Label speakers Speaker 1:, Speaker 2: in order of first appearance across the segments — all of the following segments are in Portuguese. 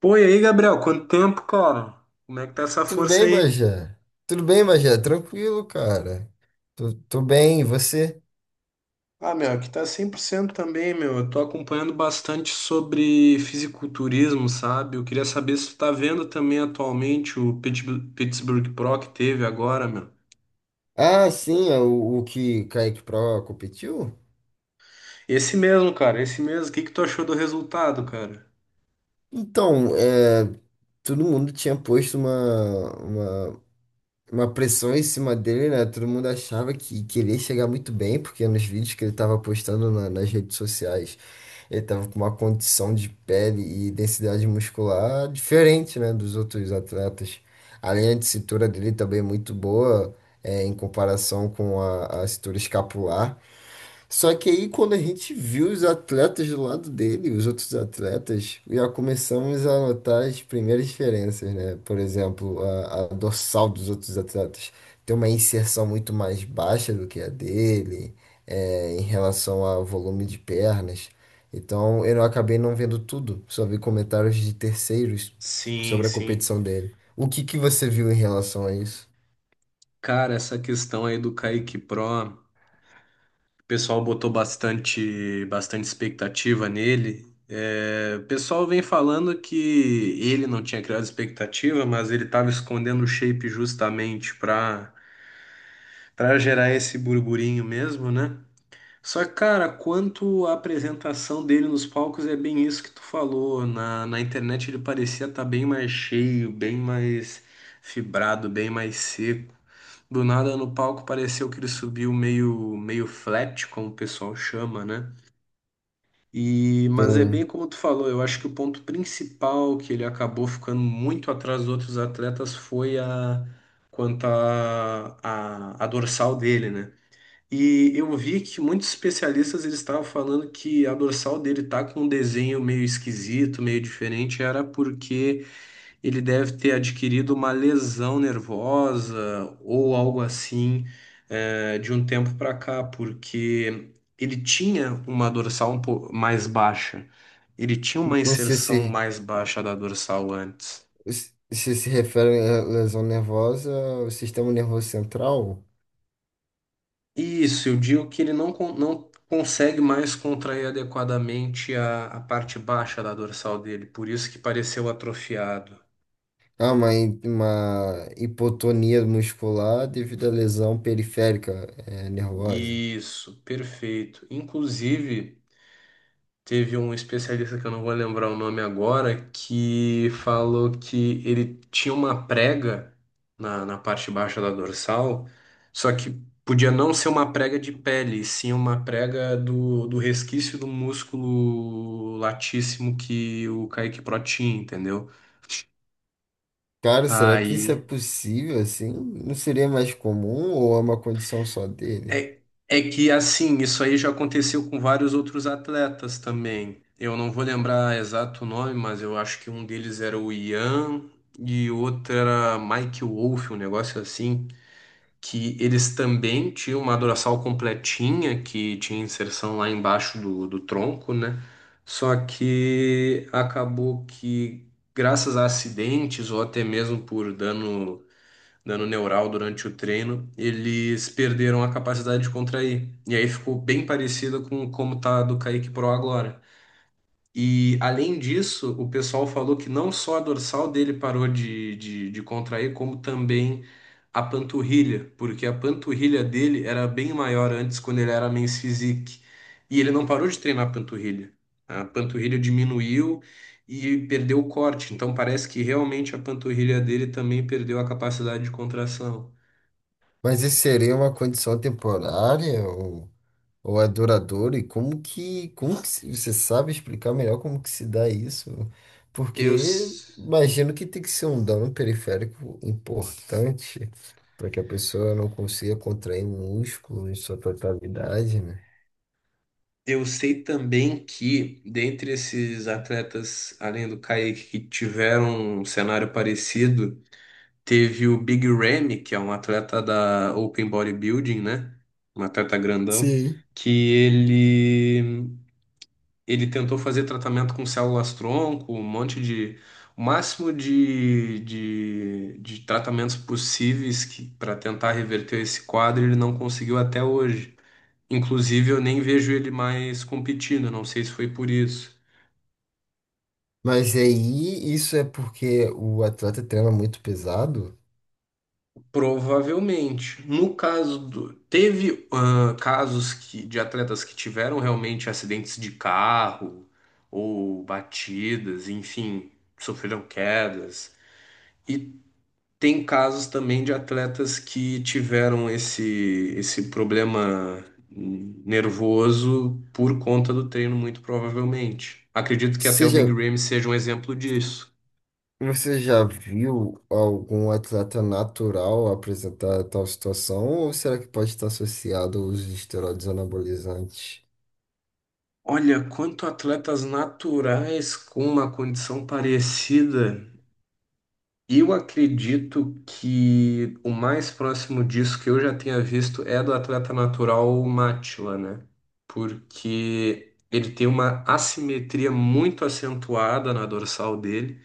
Speaker 1: Pô, e aí, Gabriel, quanto tempo, cara? Como é que tá essa
Speaker 2: Tudo
Speaker 1: força
Speaker 2: bem,
Speaker 1: aí?
Speaker 2: Bajé? Tudo bem, Bajé? Tranquilo, cara. Tô bem, e você?
Speaker 1: Ah, meu, aqui tá 100% também, meu. Eu tô acompanhando bastante sobre fisiculturismo, sabe? Eu queria saber se tu tá vendo também atualmente o Pittsburgh Pro que teve agora, meu.
Speaker 2: Ah, sim, é o que Kaique Pro competiu?
Speaker 1: Esse mesmo, cara, esse mesmo. O que que tu achou do resultado, cara?
Speaker 2: Então, é, todo mundo tinha posto uma pressão em cima dele, né? Todo mundo achava que ele ia chegar muito bem, porque nos vídeos que ele tava postando nas redes sociais, ele tava com uma condição de pele e densidade muscular diferente, né, dos outros atletas. A linha de cintura dele também é muito boa, é, em comparação com a cintura escapular. Só que aí, quando a gente viu os atletas do lado dele, os outros atletas, já começamos a notar as primeiras diferenças, né? Por exemplo, a dorsal dos outros atletas tem uma inserção muito mais baixa do que a dele, é, em relação ao volume de pernas. Então, eu acabei não vendo tudo, só vi comentários de terceiros
Speaker 1: Sim,
Speaker 2: sobre a
Speaker 1: sim.
Speaker 2: competição dele. O que que você viu em relação a isso?
Speaker 1: Cara, essa questão aí do Kaique Pro. O pessoal botou bastante, bastante expectativa nele. É, o pessoal vem falando que ele não tinha criado expectativa, mas ele estava escondendo o shape justamente para gerar esse burburinho mesmo, né? Só que, cara, quanto à apresentação dele nos palcos, é bem isso que tu falou. Na internet ele parecia estar bem mais cheio, bem mais fibrado, bem mais seco. Do nada no palco pareceu que ele subiu meio flat, como o pessoal chama, né? E, mas é bem
Speaker 2: Tem,
Speaker 1: como tu falou, eu acho que o ponto principal que ele acabou ficando muito atrás dos outros atletas foi a quanto à a dorsal dele, né? E eu vi que muitos especialistas eles estavam falando que a dorsal dele tá com um desenho meio esquisito, meio diferente, era porque ele deve ter adquirido uma lesão nervosa ou algo assim, de um tempo para cá, porque ele tinha uma dorsal um pouco mais baixa. Ele tinha uma
Speaker 2: não sei
Speaker 1: inserção
Speaker 2: se
Speaker 1: mais baixa da dorsal antes.
Speaker 2: se se refere à lesão nervosa, o sistema nervoso central?
Speaker 1: Isso, eu digo que ele não consegue mais contrair adequadamente a parte baixa da dorsal dele, por isso que pareceu atrofiado.
Speaker 2: Ah, uma, uma hipotonia muscular devido à lesão periférica, nervosa.
Speaker 1: Isso, perfeito. Inclusive. Teve um especialista que eu não vou lembrar o nome agora, que falou que ele tinha uma prega na parte baixa da dorsal, só que podia não ser uma prega de pele, e sim uma prega do resquício do músculo latíssimo que o Kaique Pro tinha, entendeu?
Speaker 2: Cara, será que isso é
Speaker 1: Aí
Speaker 2: possível assim? Não seria mais comum ou é uma condição só dele?
Speaker 1: É, é que assim, isso aí já aconteceu com vários outros atletas também. Eu não vou lembrar exato o nome, mas eu acho que um deles era o Ian e o outro era Mike Wolff, um negócio assim, que eles também tinham uma dorsal completinha que tinha inserção lá embaixo do tronco, né? Só que acabou que, graças a acidentes ou até mesmo por dano neural durante o treino, eles perderam a capacidade de contrair. E aí ficou bem parecido com como tá a do Kaique Pro agora. E além disso, o pessoal falou que não só a dorsal dele parou de contrair, como também a panturrilha, porque a panturrilha dele era bem maior antes, quando ele era Men's Physique. E ele não parou de treinar a panturrilha. A panturrilha diminuiu e perdeu o corte. Então parece que realmente a panturrilha dele também perdeu a capacidade de contração.
Speaker 2: Mas isso seria uma condição temporária ou... ou é duradouro? E como que você sabe explicar melhor como que se dá isso?
Speaker 1: Eu.
Speaker 2: Porque imagino que tem que ser um dano periférico importante para que a pessoa não consiga contrair músculo em sua totalidade, né?
Speaker 1: Eu sei também que, dentre esses atletas, além do Kaique, que tiveram um cenário parecido, teve o Big Ramy, que é um atleta da Open Bodybuilding, né? Um atleta grandão,
Speaker 2: Sim.
Speaker 1: que ele tentou fazer tratamento com células-tronco, um monte de. O máximo de tratamentos possíveis para tentar reverter esse quadro, ele não conseguiu até hoje. Inclusive, eu nem vejo ele mais competindo, não sei se foi por isso.
Speaker 2: Mas aí isso é porque o atleta treina muito pesado.
Speaker 1: Provavelmente. No caso do. Teve casos que, de atletas que tiveram realmente acidentes de carro ou batidas, enfim, sofreram quedas. E tem casos também de atletas que tiveram esse problema nervoso por conta do treino, muito provavelmente. Acredito que até o Big
Speaker 2: Seja,
Speaker 1: Ramy seja um exemplo disso.
Speaker 2: você já viu algum atleta natural apresentar tal situação? Ou será que pode estar associado aos uso esteroides anabolizantes?
Speaker 1: Olha, quanto atletas naturais com uma condição parecida, eu acredito que o mais próximo disso que eu já tenha visto é do atleta natural Mátila, né? Porque ele tem uma assimetria muito acentuada na dorsal dele,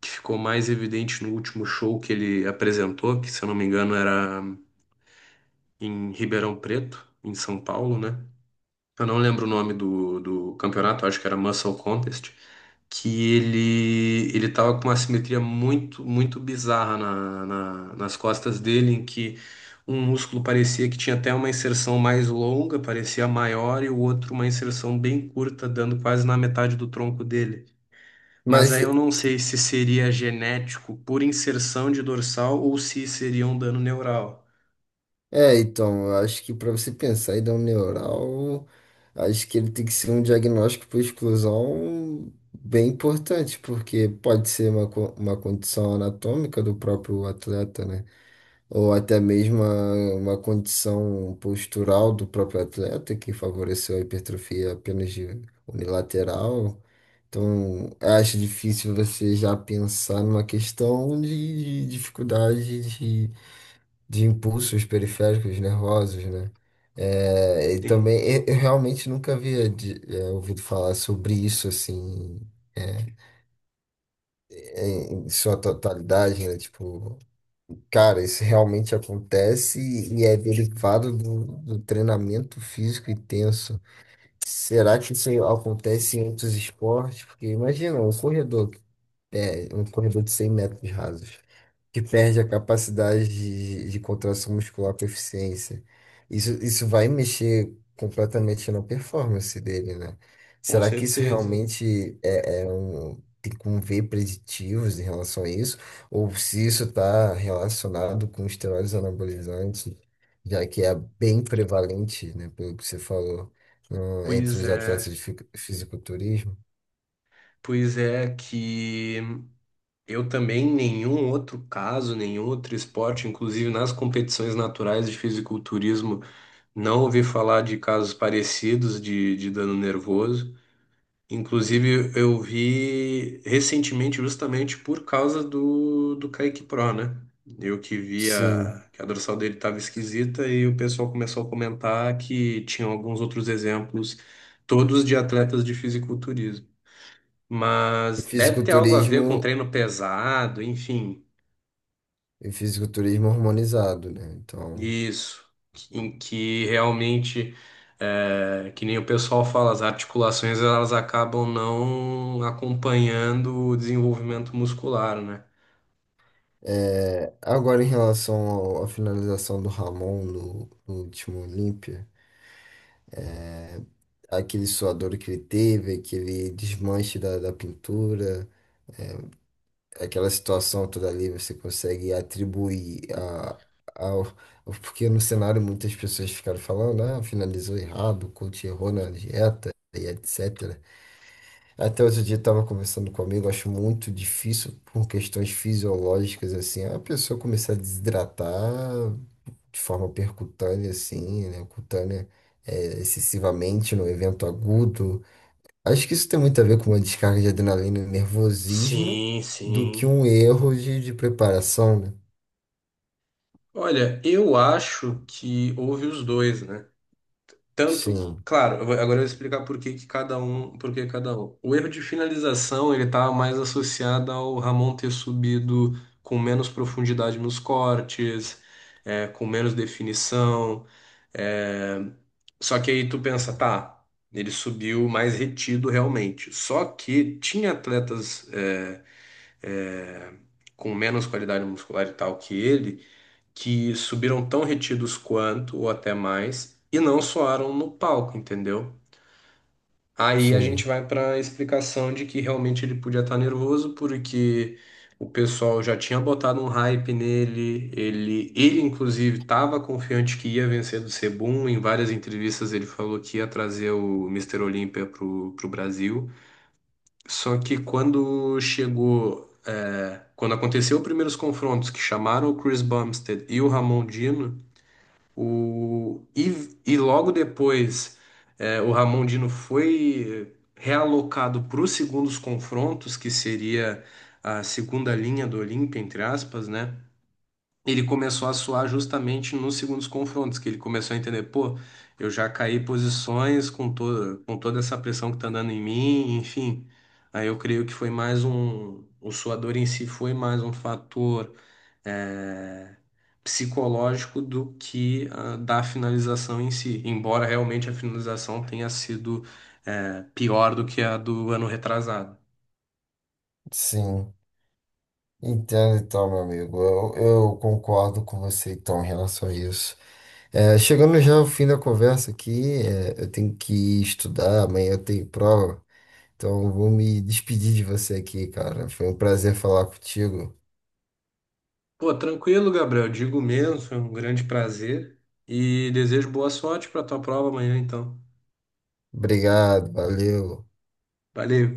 Speaker 1: que ficou mais evidente no último show que ele apresentou, que se eu não me engano era em Ribeirão Preto, em São Paulo, né? Eu não lembro o nome do campeonato, acho que era Muscle Contest. Que ele tava com uma simetria muito muito bizarra nas costas dele, em que um músculo parecia que tinha até uma inserção mais longa, parecia maior, e o outro uma inserção bem curta, dando quase na metade do tronco dele. Mas
Speaker 2: Mas,
Speaker 1: aí eu não sei se seria genético por inserção de dorsal ou se seria um dano neural.
Speaker 2: então, eu acho que para você pensar em dar um neural, acho que ele tem que ser um diagnóstico por exclusão bem importante, porque pode ser uma, uma condição anatômica do próprio atleta, né? Ou até mesmo uma condição postural do próprio atleta que favoreceu a hipertrofia apenas de unilateral. Então, eu acho difícil você já pensar numa questão de dificuldade de impulsos periféricos nervosos, né? É, e
Speaker 1: Sim,
Speaker 2: também eu realmente nunca havia é, ouvido falar sobre isso assim, é, em em sua totalidade, né? Tipo, cara, isso realmente acontece e é derivado do, do treinamento físico intenso. Será que isso acontece em outros esportes? Porque imagina um corredor, é, um corredor de 100 metros rasos que perde a capacidade de contração muscular com eficiência. Isso vai mexer completamente na performance dele, né?
Speaker 1: com
Speaker 2: Será que isso
Speaker 1: certeza.
Speaker 2: realmente é, é um, tem como ver preditivos em relação a isso? Ou se isso está relacionado com esteroides anabolizantes, já que é bem prevalente, né, pelo que você falou, entre
Speaker 1: Pois
Speaker 2: os atletas
Speaker 1: é,
Speaker 2: de fisiculturismo?
Speaker 1: pois é que Eu também, nenhum outro caso, nenhum outro esporte, inclusive nas competições naturais de fisiculturismo, não ouvi falar de casos parecidos de dano nervoso. Inclusive, eu vi recentemente, justamente por causa do Kaique Pro, né? Eu que
Speaker 2: Sim.
Speaker 1: via que a dorsal dele estava esquisita e o pessoal começou a comentar que tinham alguns outros exemplos, todos de atletas de fisiculturismo.
Speaker 2: E
Speaker 1: Mas deve ter algo a ver com
Speaker 2: fisiculturismo
Speaker 1: treino pesado, enfim.
Speaker 2: E fisiculturismo harmonizado, né? Então,
Speaker 1: Isso, em que realmente, que nem o pessoal fala, as articulações elas acabam não acompanhando o desenvolvimento muscular, né?
Speaker 2: é, agora em relação à finalização do Ramon no último Olímpia, aquele suador que ele teve, aquele desmanche da pintura, aquela situação toda ali, você consegue atribuir a, ao. Porque no cenário muitas pessoas ficaram falando, ah, finalizou errado, o coach errou na dieta e etc. Até outro dia estava conversando comigo, acho muito difícil por questões fisiológicas assim, a pessoa começar a desidratar de forma percutânea assim, né, cutânea, é, excessivamente no evento agudo. Acho que isso tem muito a ver com uma descarga de adrenalina e nervosismo
Speaker 1: Sim,
Speaker 2: do que
Speaker 1: sim.
Speaker 2: um erro de preparação, né?
Speaker 1: Olha, eu acho que houve os dois, né? Tanto,
Speaker 2: Sim,
Speaker 1: claro, agora eu vou explicar por que que cada um, por que cada um. O erro de finalização, ele estava mais associado ao Ramon ter subido com menos profundidade nos cortes, com menos definição. É, Só que aí tu pensa, tá, ele subiu mais retido realmente. Só que tinha atletas é, com menos qualidade muscular e tal que subiram tão retidos quanto, ou até mais, e não soaram no palco, entendeu? Aí a gente
Speaker 2: sim,
Speaker 1: vai para a explicação de que realmente ele podia estar nervoso porque o pessoal já tinha botado um hype nele, ele inclusive estava confiante que ia vencer do Sebum, em várias entrevistas ele falou que ia trazer o Mister Olímpia pro Brasil. Só que quando chegou, quando aconteceu os primeiros confrontos que chamaram o Chris Bumstead e o Ramon Dino, e logo depois, o Ramon Dino foi realocado para os segundos confrontos, que seria a segunda linha do Olímpia, entre aspas, né? Ele começou a suar justamente nos segundos confrontos, que ele começou a entender, pô, eu já caí posições com toda essa pressão que tá dando em mim, enfim. Aí eu creio que foi mais um, o suador em si foi mais um fator é, psicológico do que da finalização em si, embora realmente a finalização tenha sido pior do que a do ano retrasado.
Speaker 2: sim. Entendo então, meu amigo. Eu concordo com você então em relação a isso. É, chegando já ao fim da conversa aqui, é, eu tenho que estudar, amanhã eu tenho prova, então eu vou me despedir de você aqui, cara. Foi um prazer falar contigo.
Speaker 1: Pô, tranquilo, Gabriel. Digo mesmo, foi um grande prazer e desejo boa sorte para tua prova amanhã, então.
Speaker 2: Obrigado, valeu.
Speaker 1: Valeu.